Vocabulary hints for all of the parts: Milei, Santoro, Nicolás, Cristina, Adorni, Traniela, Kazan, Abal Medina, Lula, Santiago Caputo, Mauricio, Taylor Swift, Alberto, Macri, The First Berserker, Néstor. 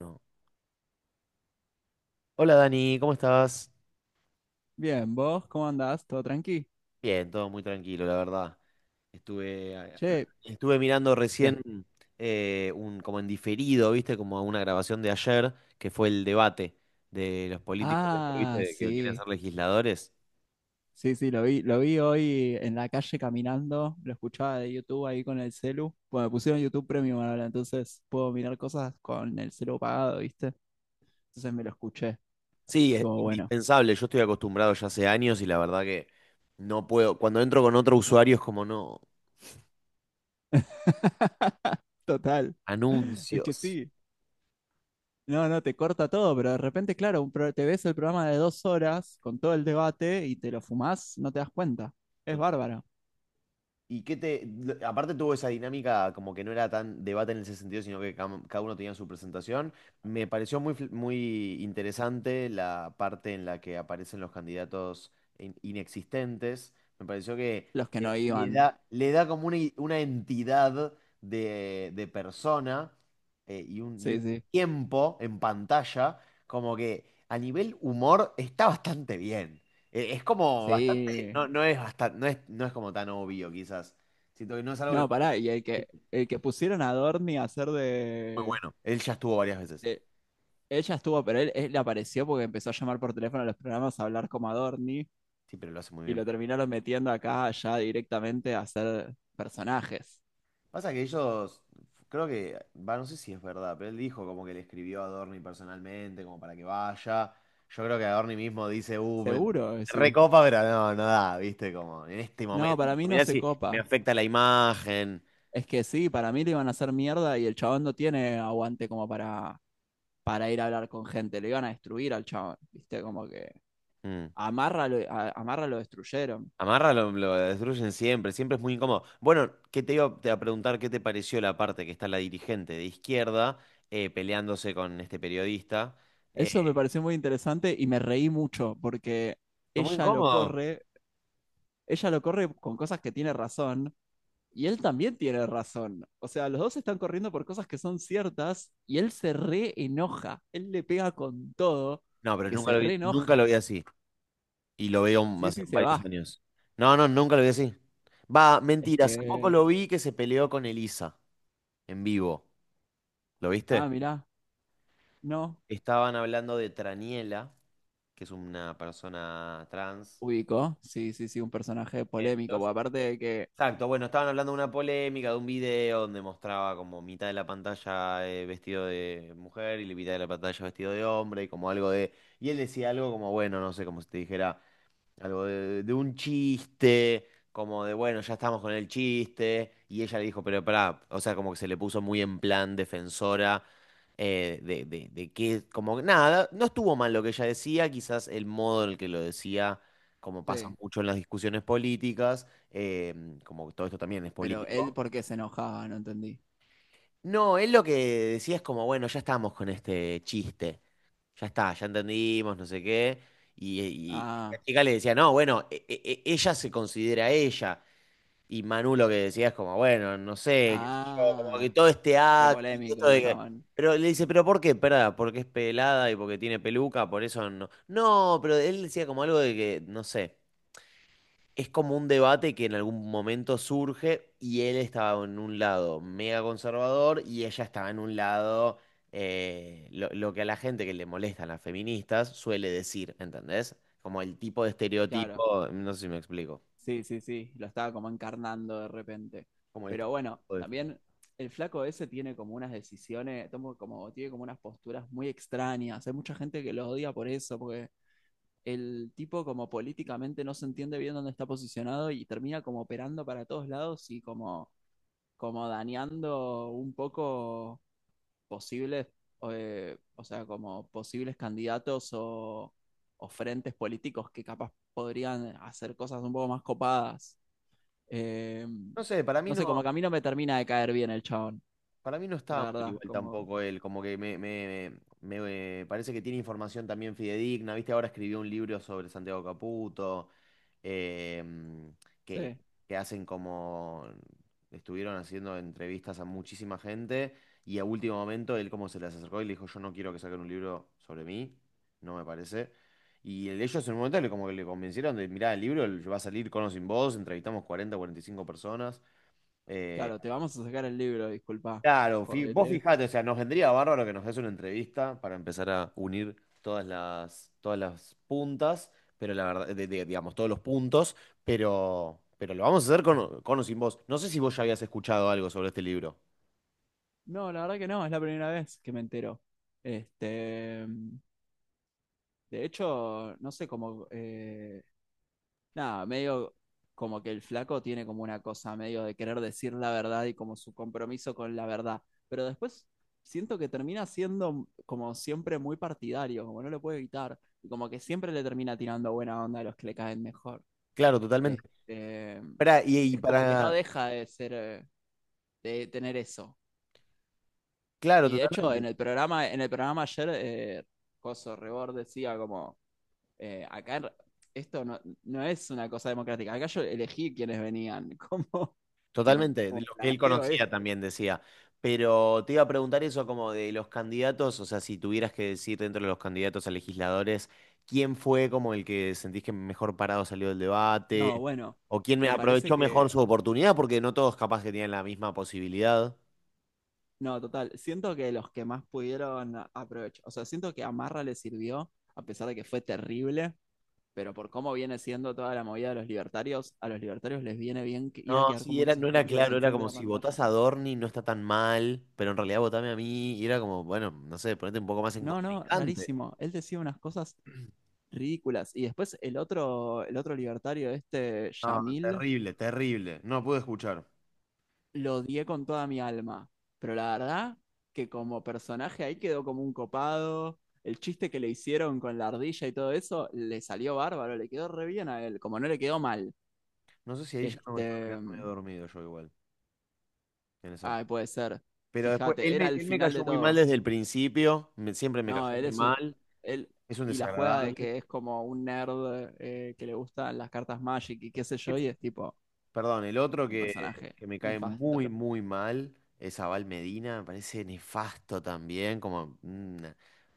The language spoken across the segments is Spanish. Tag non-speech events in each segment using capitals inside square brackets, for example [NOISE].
No. Hola Dani, ¿cómo estás? Bien, ¿vos cómo andás? ¿Todo tranqui? Bien, todo muy tranquilo, la verdad. Estuve, eh, Che, Estuve mirando ¿qué? recién como en diferido, ¿viste? Como una grabación de ayer, que fue el debate de los políticos, esto, Ah, ¿viste? Que quieren sí. ser legisladores. Sí, sí, lo vi hoy en la calle caminando, lo escuchaba de YouTube ahí con el celu. Bueno, me pusieron YouTube Premium ahora, entonces puedo mirar cosas con el celu pagado, ¿viste? Entonces me lo escuché, Sí, es estuvo bueno. indispensable. Yo estoy acostumbrado ya hace años y la verdad que no puedo. Cuando entro con otro usuario es como no. [LAUGHS] Total. Es que Anuncios. sí. No, no, te corta todo, pero de repente, claro, te ves el programa de 2 horas con todo el debate y te lo fumás, no te das cuenta. Es bárbaro. ¿Y qué te...? Aparte tuvo esa dinámica como que no era tan debate en ese sentido, sino que cada uno tenía su presentación. Me pareció muy interesante la parte en la que aparecen los candidatos inexistentes. Me pareció que Los que no iban. Le da como una entidad de persona y Sí, un sí. tiempo en pantalla, como que a nivel humor está bastante bien. Es como que Sí. No es hasta, no es como tan obvio, quizás. Siento que no es algo que No, pará, y el es que, el que pusieron a Dorni a hacer muy de, bueno. Él ya estuvo varias veces. de- Ella estuvo, pero él le apareció porque empezó a llamar por teléfono a los programas a hablar como a Dorni Sí, pero lo hace muy y bien. lo terminaron metiendo acá ya directamente a hacer personajes. Pasa que ellos, creo que, va, no sé si es verdad, pero él dijo como que le escribió a Adorni personalmente, como para que vaya. Yo creo que Adorni mismo dice, me Seguro que sí. recopa, pero no, no da, viste, como en este No, para mí momento. no Mirá se si me copa. afecta la imagen. Es que sí, para mí le iban a hacer mierda y el chabón no tiene aguante como para ir a hablar con gente. Le iban a destruir al chabón, ¿viste? Como que Mm. amarra lo destruyeron. Amarra lo destruyen siempre, siempre es muy incómodo. Bueno, ¿qué te iba a preguntar qué te pareció la parte que está la dirigente de izquierda peleándose con este periodista? Eh, Eso me pareció muy interesante y me reí mucho porque Fue muy ella lo incómodo. corre, ella lo corre con cosas que tiene razón y él también tiene razón. O sea, los dos están corriendo por cosas que son ciertas y él se re enoja, él le pega con todo No, pero porque nunca se lo vi, re nunca lo enoja. vi así. Y lo veo Sí, hace sí, se varios va. años. No, no, nunca lo vi así. Va, Es mentira, hace poco que, lo vi que se peleó con Elisa en vivo. ¿Lo viste? ah, mirá, no, Estaban hablando de Traniela, que es una persona trans. ubicó. Sí, sí, sí, un personaje polémico, porque aparte de que, Exacto, bueno, estaban hablando de una polémica, de un video donde mostraba como mitad de la pantalla vestido de mujer y la mitad de la pantalla vestido de hombre y como algo de... Y él decía algo como, bueno, no sé, como si te dijera... Algo de un chiste, como de, bueno, ya estamos con el chiste. Y ella le dijo, pero pará, o sea, como que se le puso muy en plan defensora de que, como que nada, no estuvo mal lo que ella decía, quizás el modo en el que lo decía, como pasa sí, mucho en las discusiones políticas, como todo esto también es pero él político. por qué se enojaba, no entendí. No, él lo que decía es como, bueno, ya estamos con este chiste, ya está, ya entendimos, no sé qué. Y la Ah, chica le decía, no, bueno, ella se considera ella. Y Manu lo que decía es como, bueno, no sé, qué sé yo, como que ah, todo este re acto, y todo polémico esto el de que... chabón. Pero le dice, ¿pero por qué? Perda, porque es pelada y porque tiene peluca, por eso no. No, pero él decía como algo de que, no sé, es como un debate que en algún momento surge y él estaba en un lado mega conservador y ella estaba en un lado lo que a la gente que le molestan las feministas suele decir, ¿entendés? Como el tipo de Claro, estereotipo, no sé si me explico. sí, sí, sí, lo estaba como encarnando de repente. Como el Pero bueno, estereotipo de femi- también el flaco ese tiene como unas decisiones, tomo como, tiene como unas posturas muy extrañas. Hay mucha gente que lo odia por eso, porque el tipo como políticamente no se entiende bien dónde está posicionado y termina como operando para todos lados y como dañando un poco posibles, o sea, como posibles candidatos o frentes políticos que capaz podrían hacer cosas un poco más copadas. Eh, No sé, para mí no sé, no. como que a mí no me termina de caer bien el chabón, Para mí no estaba la mal verdad, igual como, tampoco él, como que me parece que tiene información también fidedigna, viste, ahora escribió un libro sobre Santiago Caputo, em, que, sí, que hacen como, estuvieron haciendo entrevistas a muchísima gente y a último momento él como se les acercó y le dijo, yo no quiero que saquen un libro sobre mí, no me parece. Ellos en un momento le, como que le convencieron de, mirá, el libro va a salir con o sin vos, entrevistamos 40, 45 personas. eh, claro, te vamos a sacar el libro, disculpa, Claro, vos jodete. fijate, o sea, nos vendría bárbaro que nos des una entrevista para empezar a unir todas las puntas, pero la verdad, digamos, todos los puntos, pero lo vamos a hacer con o sin vos. No sé si vos ya habías escuchado algo sobre este libro. No, la verdad que no, es la primera vez que me entero. Este, de hecho, no sé, como nada, medio como que el flaco tiene como una cosa medio de querer decir la verdad y como su compromiso con la verdad. Pero después siento que termina siendo como siempre muy partidario, como no lo puede evitar. Y como que siempre le termina tirando buena onda a los que le caen mejor. Claro, totalmente. Este, Pará, y es como que no para, deja de ser, de tener eso. claro, Y de hecho, en totalmente. el programa, en el programa ayer, Coso Rebord decía como acá esto no, no es una cosa democrática. Acá yo elegí quienes venían. [LAUGHS] ¿Cómo, Totalmente, de cómo lo que él blanqueo conocía esto? también decía. Pero te iba a preguntar eso como de los candidatos, o sea, si tuvieras que decir dentro de los candidatos a legisladores, ¿quién fue como el que sentís que mejor parado salió del No, debate? bueno, ¿O quién me me parece aprovechó mejor que. su oportunidad? Porque no todos capaz que tenían la misma posibilidad. No, total. Siento que los que más pudieron aprovechar. O sea, siento que Amarra le sirvió, a pesar de que fue terrible. Pero por cómo viene siendo toda la movida de los libertarios, a los libertarios les viene bien ir a No, quedar como sí, era, unos no era estúpidos claro, era enfrente como de la si pantalla. votás a Dorni no está tan mal, pero en realidad votame a mí y era como, bueno, no sé, ponete un poco más en No, no, contrincante. rarísimo. Él decía unas cosas ridículas. Y después el otro libertario, este No, Yamil, terrible, terrible. No pude escuchar. lo odié con toda mi alma. Pero la verdad que como personaje ahí quedó como un copado. El chiste que le hicieron con la ardilla y todo eso le salió bárbaro, le quedó re bien a él, como no le quedó mal. No sé si ahí ya no me Este, estaba quedando medio dormido yo igual. En esa... ay, puede ser. Pero después, Fíjate, era el él me final cayó de muy mal todo. desde el principio, siempre me No, cayó muy mal, él es un y la juega de desagradable. que es como un nerd que le gustan las cartas Magic y qué sé yo, y es tipo Perdón, el otro un personaje que me cae nefasto. muy, muy mal es Abal Medina, me parece nefasto también, como, mm,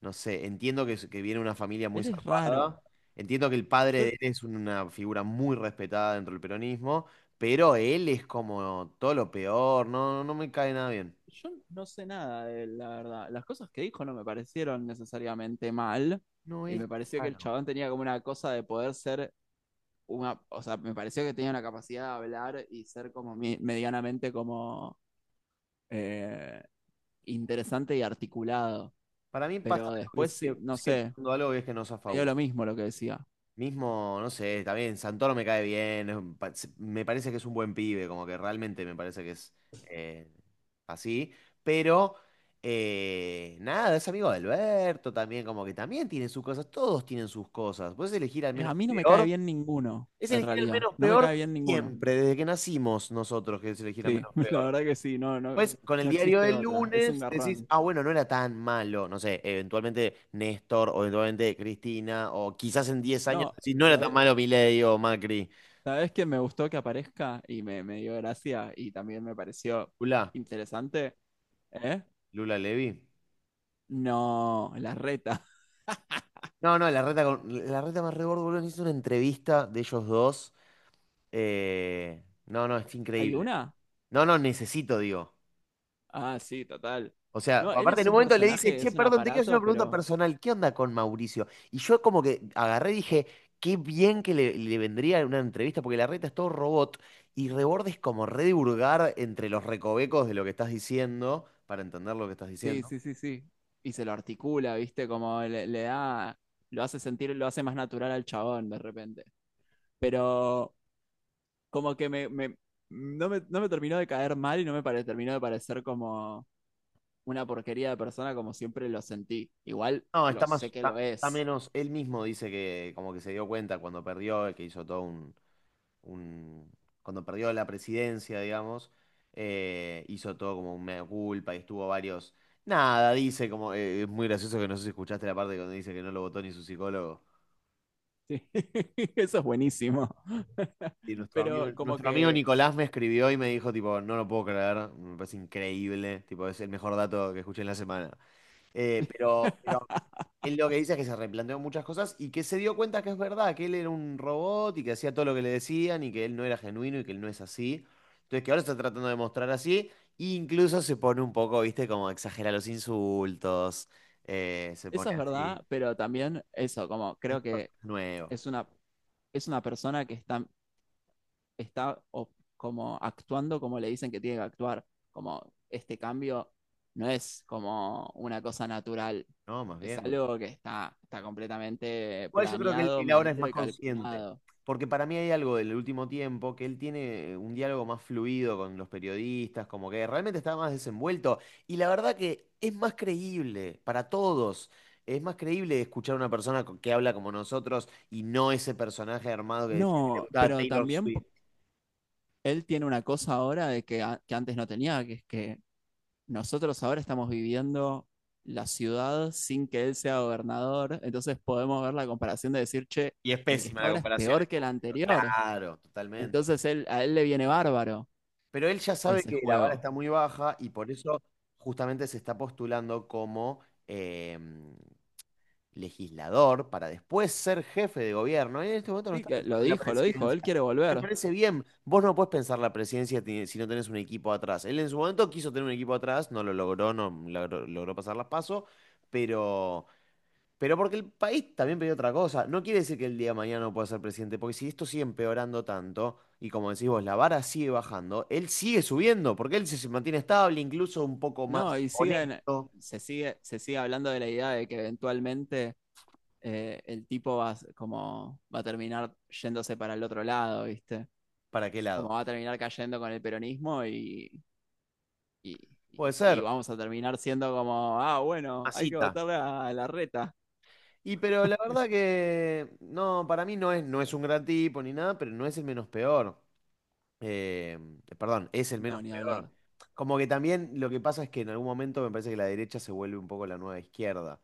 no sé, entiendo que, que viene una familia muy Él es raro. zarpada, entiendo que el padre de Yo él es una figura muy respetada dentro del peronismo, pero él es como todo lo peor, no, no me cae nada bien. Yo no sé nada de él, la verdad. Las cosas que dijo no me parecieron necesariamente mal. No, Y él... me pareció que ah, el no. chabón tenía como una cosa de poder ser una. O sea, me pareció que tenía una capacidad de hablar y ser como medianamente como eh, interesante y articulado. Para mí pasa Pero algo que después, sí, sigue, no sigue sé, pasando algo y es que no zafa me dio uno. lo mismo lo que decía. Mismo, no sé, también Santoro me cae bien, es un me parece que es un buen pibe, como que realmente me parece que es eh, así, pero nada, es amigo de Alberto también, como que también tiene sus cosas, todos tienen sus cosas. Puedes elegir al menos A mí no me cae peor, bien ninguno, es en elegir al realidad. menos No me cae peor bien ninguno. siempre, desde que nacimos nosotros, que es elegir al Sí, menos [LAUGHS] la peor. verdad que sí, no, no, Pues con el no diario existe del otra. Es un lunes decís, garrón. ah, bueno, no era tan malo, no sé, eventualmente Néstor o eventualmente Cristina, o quizás en 10 años No, decís, no era tan malo Milei o Macri. sabes que me gustó que aparezca y me dio gracia y también me pareció Lula, interesante. ¿Eh? Lula Levy. No, la reta. No, no, la reta, con, la reta más rebordo, boludo, hizo una entrevista de ellos dos. No, no, es [LAUGHS] ¿Hay increíble. una? No, no, necesito, digo. Ah, sí, total. O sea, No, él aparte es en un un momento le dice, personaje, che, es un perdón, te quiero hacer una aparato, pregunta pero personal, ¿qué onda con Mauricio? Y yo como que agarré y dije, qué bien que le vendría una entrevista, porque la reta es todo robot, y Reborde es como redurgar entre los recovecos de lo que estás diciendo, para entender lo que estás sí, diciendo. sí, sí, sí. Y se lo articula, ¿viste? Como le da, lo hace sentir, lo hace más natural al chabón de repente. Pero como que no me terminó de caer mal y no terminó de parecer como una porquería de persona como siempre lo sentí. Igual No, lo está más, sé que lo está, está es. menos, él mismo dice que como que se dio cuenta cuando perdió, que hizo todo un, un- cuando perdió la presidencia, digamos, hizo todo como un mea culpa y estuvo varios. Nada, dice como, es muy gracioso que no sé si escuchaste la parte cuando dice que no lo votó ni su psicólogo. Sí, [LAUGHS] eso es buenísimo. [LAUGHS] Y Pero como nuestro amigo que Nicolás me escribió y me dijo, tipo, no lo puedo creer, me parece increíble, tipo, es el mejor dato que escuché en la semana. Pero él lo que dice es que se replanteó muchas cosas y que se dio cuenta que es verdad, que él era un robot y que hacía todo lo que le decían y que él no era genuino y que él no es así. Entonces que ahora está tratando de mostrar así, e incluso se pone un poco, viste, como exagera los insultos, se eso pone es así. verdad, pero también eso, como Es creo un que personaje nuevo, es una, es una persona que está, está como actuando como le dicen que tiene que actuar. Como este cambio no es como una cosa natural. ¿no? Más Es bien. algo que está completamente Igual yo creo que planeado, él ahora es medido más y consciente, calculado. porque para mí hay algo del último tiempo que él tiene un diálogo más fluido con los periodistas, como que realmente está más desenvuelto y la verdad que es más creíble para todos. Es más creíble escuchar a una persona que habla como nosotros y no ese personaje armado que decía que le No, gustaba pero Taylor también Swift. él tiene una cosa ahora de que, que antes no tenía, que es que nosotros ahora estamos viviendo la ciudad sin que él sea gobernador, entonces podemos ver la comparación de decir, che, Y es el que pésima está la ahora es comparación. Peor que el anterior, Claro, totalmente. entonces a él le viene bárbaro Pero él ya sabe ese que la vara juego. está muy baja y por eso justamente se está postulando como... em, legislador para después ser jefe de gobierno. Y en este momento no Sí, está que pensando lo en la dijo, lo dijo, presidencia. él quiere Me volver. parece bien, vos no podés pensar la presidencia si no tenés un equipo atrás. Él en su momento quiso tener un equipo atrás, no lo logró, no logró, logró pasar las pasos, pero, pero porque el país también pidió otra cosa. No quiere decir que el día de mañana no pueda ser presidente, porque si esto sigue empeorando tanto, y como decís vos, la vara sigue bajando, él sigue subiendo, porque él se mantiene estable, incluso un poco No, más y siguen, honesto. se sigue, se sigue hablando de la idea de que eventualmente el tipo va a terminar yéndose para el otro lado, ¿viste? ¿Para qué Como lado? va a terminar cayendo con el peronismo y- Puede y ser. vamos a terminar siendo como, ah, bueno, hay que Masita. votarle a la reta. Y pero la verdad que no, para mí no es, no es un gran tipo ni nada, pero no es el menos peor. Eh, perdón, es el No, menos ni peor. hablar. Como que también lo que pasa es que en algún momento me parece que la derecha se vuelve un poco la nueva izquierda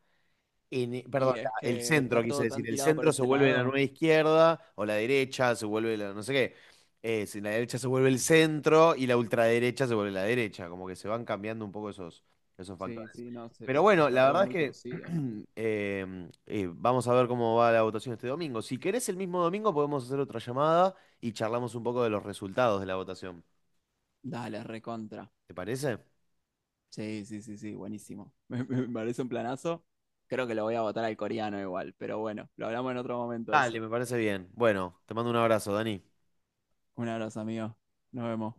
Y es el que está centro, quise todo tan decir, el tirado por centro se ese vuelve la lado. nueva izquierda o la derecha se vuelve la no sé qué. Si la derecha se vuelve el centro y la ultraderecha se vuelve la derecha, como que se van cambiando un poco esos, esos Sí, factores. sí, no, Pero bueno, está la todo verdad es muy que torcido. [CLEARS THROAT] Vamos a ver cómo va la votación este domingo. Si querés el mismo domingo podemos hacer otra llamada y charlamos un poco de los resultados de la votación. Dale, recontra. ¿Te parece? Sí, sí, sí, sí, buenísimo. [LAUGHS] Me parece un planazo. Creo que lo voy a votar al coreano igual, pero bueno, lo hablamos en otro momento Dale, eso. me parece bien. Bueno, te mando un abrazo, Dani. Un abrazo, amigo. Nos vemos.